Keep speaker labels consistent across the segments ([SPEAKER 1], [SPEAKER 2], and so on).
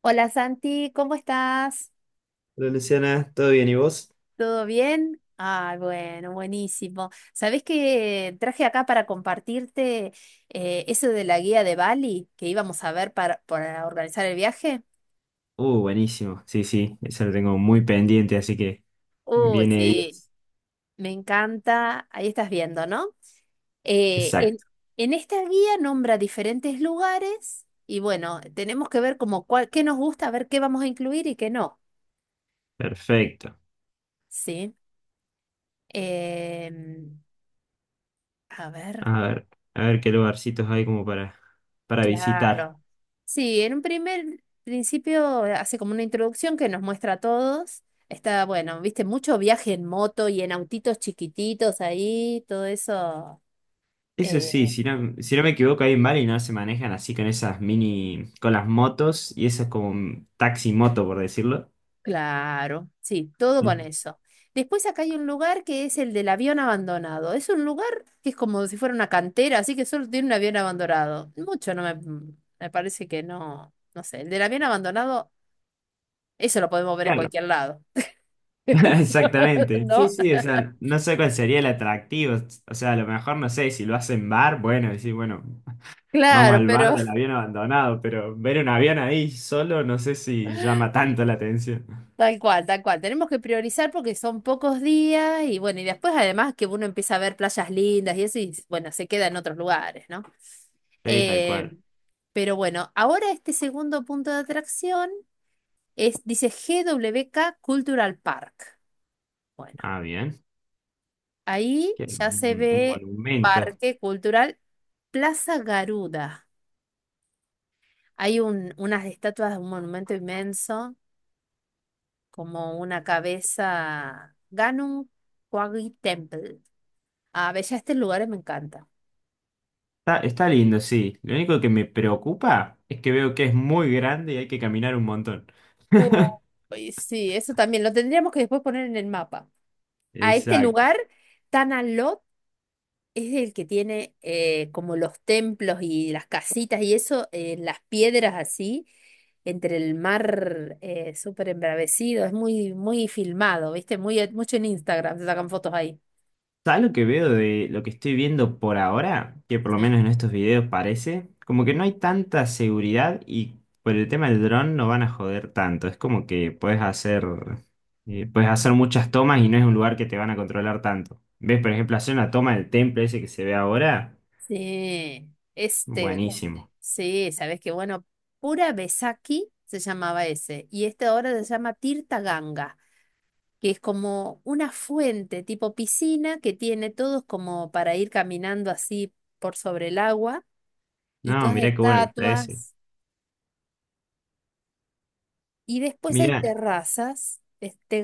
[SPEAKER 1] Hola Santi, ¿cómo estás?
[SPEAKER 2] Hola Luciana, ¿todo bien y vos?
[SPEAKER 1] ¿Todo bien? Ah, bueno, buenísimo. ¿Sabés que traje acá para compartirte eso de la guía de Bali que íbamos a ver para organizar el viaje?
[SPEAKER 2] Buenísimo. Sí, eso lo tengo muy pendiente, así que
[SPEAKER 1] Uy,
[SPEAKER 2] viene
[SPEAKER 1] sí,
[SPEAKER 2] 10.
[SPEAKER 1] me encanta. Ahí estás viendo, ¿no? Eh, en,
[SPEAKER 2] Exacto,
[SPEAKER 1] en esta guía nombra diferentes lugares y bueno, tenemos que ver como cuál, qué nos gusta, a ver qué vamos a incluir y qué no.
[SPEAKER 2] perfecto.
[SPEAKER 1] Sí. Em, a ver.
[SPEAKER 2] A ver, a ver qué lugarcitos hay como para visitar.
[SPEAKER 1] Claro. Sí, en un primer principio hace como una introducción que nos muestra a todos. Está, bueno, viste, mucho viaje en moto y en autitos chiquititos ahí, todo eso.
[SPEAKER 2] Eso sí,
[SPEAKER 1] eh,
[SPEAKER 2] si no me equivoco, ahí en Bali no se manejan así con esas mini, con las motos y eso es como un taxi moto, por decirlo.
[SPEAKER 1] claro, sí, todo con
[SPEAKER 2] Mm.
[SPEAKER 1] eso. Después acá hay un lugar que es el del avión abandonado. Es un lugar que es como si fuera una cantera, así que solo tiene un avión abandonado. Mucho no me, Me parece que no, no sé. El del avión abandonado, eso lo podemos ver en
[SPEAKER 2] Claro.
[SPEAKER 1] cualquier lado.
[SPEAKER 2] Exactamente. Sí,
[SPEAKER 1] ¿No?
[SPEAKER 2] sí, o sea, no sé cuál sería el atractivo. O sea, a lo mejor no sé, si lo hacen bueno, decir, bueno. Vamos
[SPEAKER 1] Claro,
[SPEAKER 2] al bar
[SPEAKER 1] pero
[SPEAKER 2] del avión abandonado, pero ver un avión ahí solo no sé si llama tanto la atención.
[SPEAKER 1] tal cual, tal cual. Tenemos que priorizar porque son pocos días y bueno, y después además que uno empieza a ver playas lindas y eso y bueno, se queda en otros lugares, ¿no?
[SPEAKER 2] Sí, tal
[SPEAKER 1] Eh,
[SPEAKER 2] cual.
[SPEAKER 1] pero bueno, ahora este segundo punto de atracción es, dice GWK Cultural Park. Bueno,
[SPEAKER 2] Ah, bien.
[SPEAKER 1] ahí ya se
[SPEAKER 2] Un
[SPEAKER 1] ve
[SPEAKER 2] monumento.
[SPEAKER 1] Parque Cultural Plaza Garuda. Hay unas estatuas, un monumento inmenso como una cabeza Ganun Kwagi Temple. Ah, ve, ya este lugar me encanta.
[SPEAKER 2] Está lindo, sí. Lo único que me preocupa es que veo que es muy grande y hay que caminar un montón.
[SPEAKER 1] Uy, sí, eso también lo tendríamos que después poner en el mapa. A este
[SPEAKER 2] Exacto.
[SPEAKER 1] lugar, Tanalot es el que tiene como los templos y las casitas y eso, las piedras así, entre el mar súper embravecido. Es muy, muy filmado, ¿viste? Muy, mucho en Instagram, se sacan fotos ahí.
[SPEAKER 2] ¿Sabes lo que veo de lo que estoy viendo por ahora? Que por lo
[SPEAKER 1] Sí.
[SPEAKER 2] menos en estos videos parece, como que no hay tanta seguridad y por el tema del dron no van a joder tanto. Es como que puedes hacer muchas tomas y no es un lugar que te van a controlar tanto. ¿Ves? Por ejemplo, hacer una toma del templo ese que se ve ahora,
[SPEAKER 1] Sí, este,
[SPEAKER 2] buenísimo.
[SPEAKER 1] sí, sabes que bueno, Pura Besaki se llamaba ese, y este ahora se llama Tirta Ganga, que es como una fuente tipo piscina que tiene todos como para ir caminando así por sobre el agua, y
[SPEAKER 2] No,
[SPEAKER 1] todas
[SPEAKER 2] mirá qué bueno que está ese.
[SPEAKER 1] estatuas, y después hay
[SPEAKER 2] Mirá,
[SPEAKER 1] terrazas, este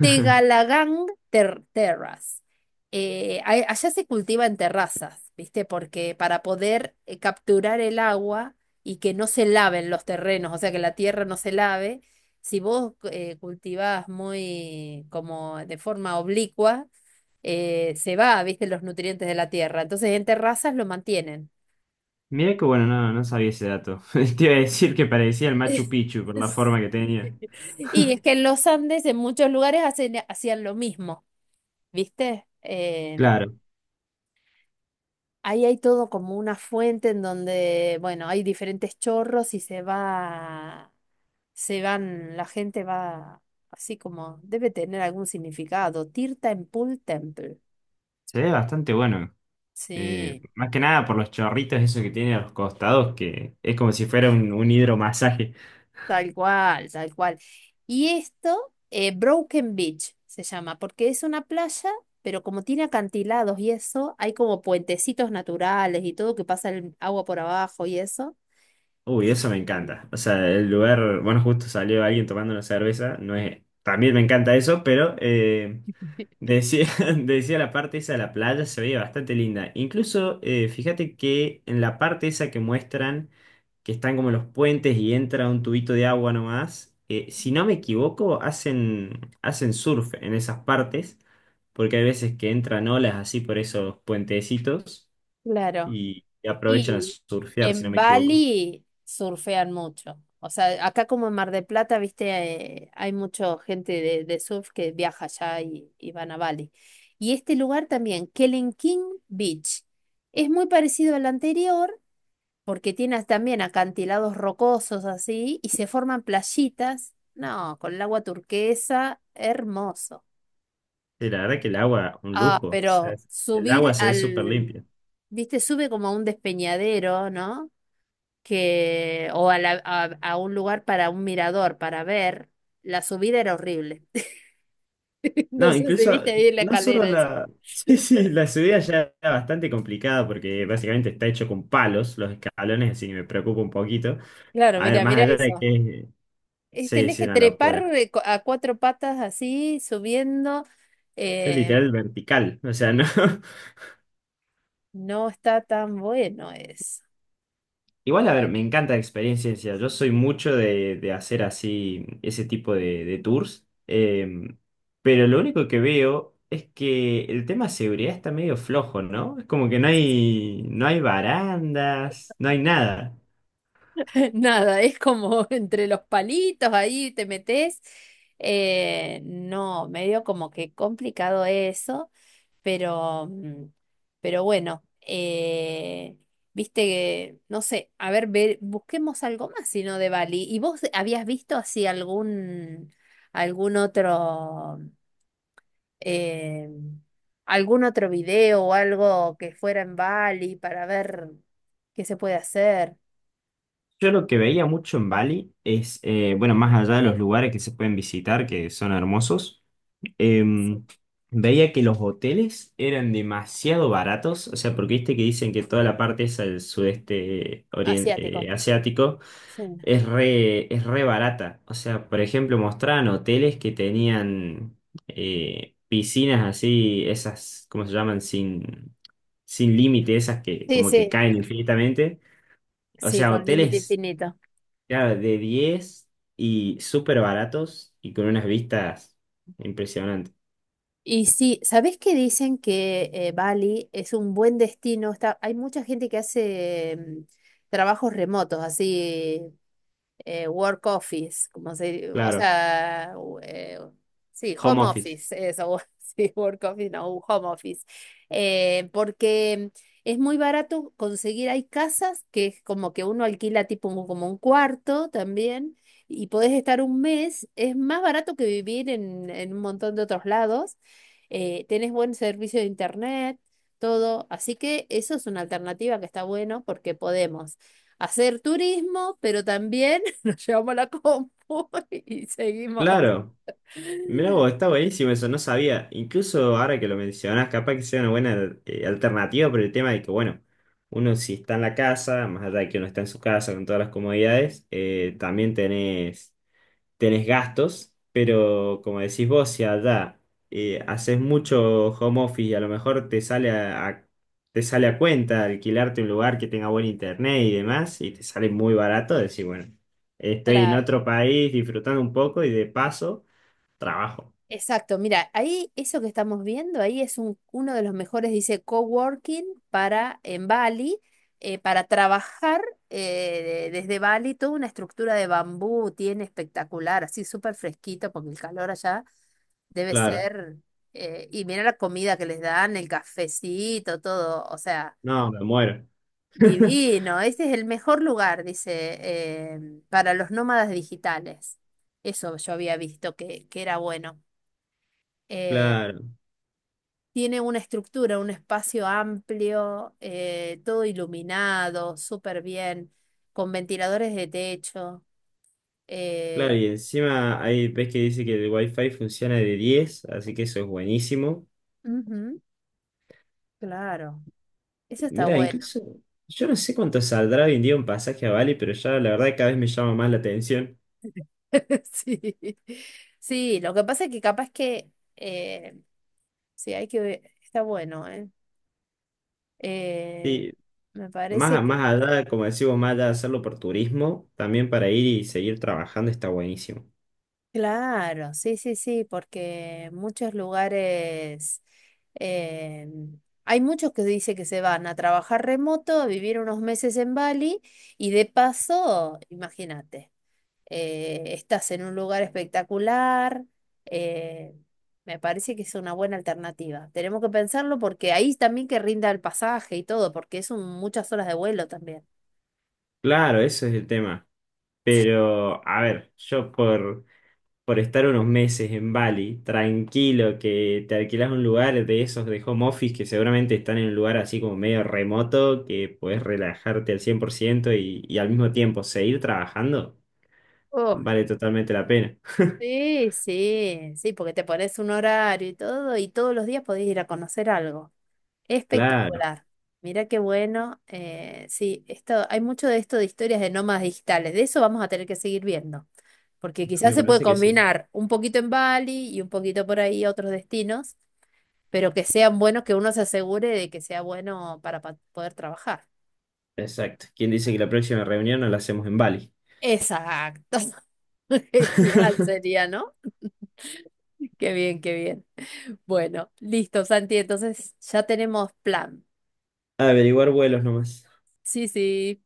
[SPEAKER 1] Tegalagang Terrace. Allá se cultiva en terrazas, ¿viste? Porque para poder capturar el agua y que no se laven los terrenos, o sea, que la tierra no se lave, si vos cultivás muy como de forma oblicua, se va, ¿viste? Los nutrientes de la tierra. Entonces en terrazas lo mantienen.
[SPEAKER 2] mirá qué bueno, no sabía ese dato. Te iba a decir que parecía el Machu Picchu por la forma que
[SPEAKER 1] Sí.
[SPEAKER 2] tenía.
[SPEAKER 1] Y es que en los Andes, en muchos lugares, hacían lo mismo, ¿viste?
[SPEAKER 2] Claro,
[SPEAKER 1] Ahí hay todo como una fuente en donde, bueno, hay diferentes chorros y se va, se van, la gente va así como, debe tener algún significado. Tirta en Pool Temple.
[SPEAKER 2] se ve bastante bueno.
[SPEAKER 1] Sí,
[SPEAKER 2] Más que nada por los chorritos esos que tiene a los costados, que es como si fuera un hidromasaje.
[SPEAKER 1] tal cual, tal cual. Y esto, Broken Beach se llama, porque es una playa, pero como tiene acantilados y eso, hay como puentecitos naturales y todo que pasa el agua por abajo y eso.
[SPEAKER 2] Uy, eso me
[SPEAKER 1] Y-
[SPEAKER 2] encanta. O sea, el lugar, bueno, justo salió alguien tomando una cerveza, no es, también me encanta eso, pero decía, decía la parte esa de la playa se veía bastante linda. Incluso, fíjate que en la parte esa que muestran, que están como los puentes y entra un tubito de agua nomás, si no me equivoco, hacen surf en esas partes, porque hay veces que entran olas así por esos puentecitos
[SPEAKER 1] Claro.
[SPEAKER 2] y aprovechan a
[SPEAKER 1] Y
[SPEAKER 2] surfear, si no
[SPEAKER 1] en
[SPEAKER 2] me equivoco.
[SPEAKER 1] Bali surfean mucho. O sea, acá como en Mar del Plata, viste, hay mucha gente de surf que viaja allá y van a Bali. Y este lugar también, Kelenking Beach, es muy parecido al anterior porque tiene también acantilados rocosos así y se forman playitas, no, con el agua turquesa, hermoso.
[SPEAKER 2] Sí, la verdad que el agua, un
[SPEAKER 1] Ah,
[SPEAKER 2] lujo. O sea,
[SPEAKER 1] pero
[SPEAKER 2] el
[SPEAKER 1] subir
[SPEAKER 2] agua se ve súper
[SPEAKER 1] al,
[SPEAKER 2] limpia.
[SPEAKER 1] Viste, sube como a un despeñadero, ¿no? que, o a, la- a un lugar para un mirador, para ver, la subida era horrible. No
[SPEAKER 2] No,
[SPEAKER 1] sé si
[SPEAKER 2] incluso,
[SPEAKER 1] viste ahí la
[SPEAKER 2] no solo
[SPEAKER 1] escalera esa.
[SPEAKER 2] la. Sí, la subida ya era bastante complicada porque básicamente está hecho con palos los escalones, así que me preocupa un poquito.
[SPEAKER 1] Claro,
[SPEAKER 2] A ver,
[SPEAKER 1] mira,
[SPEAKER 2] más
[SPEAKER 1] mira
[SPEAKER 2] allá de
[SPEAKER 1] eso.
[SPEAKER 2] que. Sí,
[SPEAKER 1] Tenés
[SPEAKER 2] sí,
[SPEAKER 1] que
[SPEAKER 2] una
[SPEAKER 1] trepar
[SPEAKER 2] locura.
[SPEAKER 1] a cuatro patas así, subiendo.
[SPEAKER 2] Es
[SPEAKER 1] eh,
[SPEAKER 2] literal vertical, o sea, no.
[SPEAKER 1] no está tan bueno eso.
[SPEAKER 2] Igual, a ver,
[SPEAKER 1] Bueno,
[SPEAKER 2] me encanta la experiencia. Yo soy mucho de hacer así ese tipo de tours. Pero lo único que veo es que el tema de seguridad está medio flojo, ¿no? Es como que no hay, no hay barandas, no hay nada.
[SPEAKER 1] nada, es como entre los palitos ahí te metes. No, medio como que complicado eso. Pero, mm, pero bueno, viste que, no sé, a ver, busquemos algo más, sino de Bali. ¿Y vos habías visto así algún otro, eh, algún otro video o algo que fuera en Bali para ver qué se puede hacer?
[SPEAKER 2] Yo lo que veía mucho en Bali es, bueno, más allá de los lugares que se pueden visitar, que son hermosos,
[SPEAKER 1] Sí.
[SPEAKER 2] em, veía que los hoteles eran demasiado baratos, o sea, porque viste que dicen que toda la parte esa del sudeste
[SPEAKER 1] Asiático.
[SPEAKER 2] asiático
[SPEAKER 1] Sí,
[SPEAKER 2] es re barata. O sea, por ejemplo, mostraban hoteles que tenían piscinas así, esas, ¿cómo se llaman? Sin límite, esas que
[SPEAKER 1] sí,
[SPEAKER 2] como que
[SPEAKER 1] sí,
[SPEAKER 2] caen infinitamente. O
[SPEAKER 1] sí,
[SPEAKER 2] sea,
[SPEAKER 1] con límite
[SPEAKER 2] hoteles,
[SPEAKER 1] infinito.
[SPEAKER 2] claro, de 10 y súper baratos y con unas vistas impresionantes.
[SPEAKER 1] Y sí, ¿sabés que dicen que Bali es un buen destino? Está, hay mucha gente que hace trabajos remotos, así work office, como se, o
[SPEAKER 2] Claro.
[SPEAKER 1] sea, sí,
[SPEAKER 2] Home
[SPEAKER 1] home
[SPEAKER 2] office.
[SPEAKER 1] office, eso, sí, work office, no, un home office. Porque es muy barato conseguir, hay casas que es como que uno alquila tipo como un cuarto también, y podés estar un mes, es más barato que vivir en un montón de otros lados. Tenés buen servicio de internet, todo, así que eso es una alternativa que está bueno porque podemos hacer turismo, pero también yo me la compu y seguimos.
[SPEAKER 2] Claro, mirá vos, está buenísimo eso, no sabía. Incluso ahora que lo mencionás, capaz que sea una buena alternativa por el tema de que, bueno, uno si está en la casa, más allá de que uno está en su casa con todas las comodidades, también tenés. Tenés gastos, pero como decís vos, si allá haces mucho home office y a lo mejor te sale a cuenta alquilarte un lugar que tenga buen internet y demás, y te sale muy barato, decir, bueno, estoy en
[SPEAKER 1] Claro,
[SPEAKER 2] otro país disfrutando un poco y de paso trabajo.
[SPEAKER 1] exacto. Mira, ahí eso que estamos viendo, ahí es uno de los mejores, dice, coworking para en Bali, para trabajar desde Bali, toda una estructura de bambú tiene espectacular, así súper fresquito, porque el calor allá debe
[SPEAKER 2] Claro,
[SPEAKER 1] ser, y mira la comida que les dan, el cafecito, todo, o sea.
[SPEAKER 2] no, me muero.
[SPEAKER 1] Divino, este es el mejor lugar, dice, para los nómadas digitales. Eso yo había visto que era bueno. Eh,
[SPEAKER 2] Claro,
[SPEAKER 1] Tiene una estructura, un espacio amplio, todo iluminado, súper bien, con ventiladores de techo.
[SPEAKER 2] claro,
[SPEAKER 1] eh,
[SPEAKER 2] y encima ahí ves que dice que el wifi funciona de 10 así que eso es buenísimo.
[SPEAKER 1] Ujú, claro, eso está
[SPEAKER 2] Mira,
[SPEAKER 1] bueno.
[SPEAKER 2] incluso yo no sé cuánto saldrá hoy en día un pasaje a Bali, pero ya la verdad que cada vez me llama más la atención.
[SPEAKER 1] Sí. Sí, lo que pasa es que capaz que eh, sí, hay que ver, está bueno, ¿eh? Eh,
[SPEAKER 2] Sí,
[SPEAKER 1] Me parece
[SPEAKER 2] más
[SPEAKER 1] que,
[SPEAKER 2] allá, como decimos, más allá de hacerlo por turismo, también para ir y seguir trabajando está buenísimo.
[SPEAKER 1] claro, sí, sí, sí, porque muchos lugares, eh, hay muchos que dicen que se van a trabajar remoto, a vivir unos meses en Bali y de paso, imagínate, estás en un lugar espectacular, eh, me parece que es una buena alternativa. Tenemos que pensarlo porque ahí también que rinda el pasaje y todo, porque es muchas horas de vuelo también.
[SPEAKER 2] Claro, eso es el tema. Pero, a ver, por estar unos meses en Bali, tranquilo, que te alquilas un lugar de esos de home office que seguramente están en un lugar así como medio remoto, que puedes relajarte al 100% y al mismo tiempo seguir trabajando. Vale totalmente la pena.
[SPEAKER 1] Sí, sí, sí, porque te pones un horario y todo, y todos los días podés ir a conocer algo.
[SPEAKER 2] Claro,
[SPEAKER 1] Espectacular. Mira qué bueno. Sí, esto, hay mucho de esto de historias de nómadas digitales. De eso vamos a tener que seguir viendo. Porque quizás
[SPEAKER 2] me
[SPEAKER 1] se puede
[SPEAKER 2] parece que sí.
[SPEAKER 1] combinar un poquito en Bali y un poquito por ahí otros destinos, pero que sean buenos, que uno se asegure de que sea bueno para poder trabajar.
[SPEAKER 2] Exacto. ¿Quién dice que la próxima reunión no la hacemos en Bali?
[SPEAKER 1] Exacto. Genial sería, ¿no? Qué bien, qué bien. Bueno, listo, Santi, entonces ya tenemos plan.
[SPEAKER 2] Averiguar vuelos nomás.
[SPEAKER 1] Sí, sí.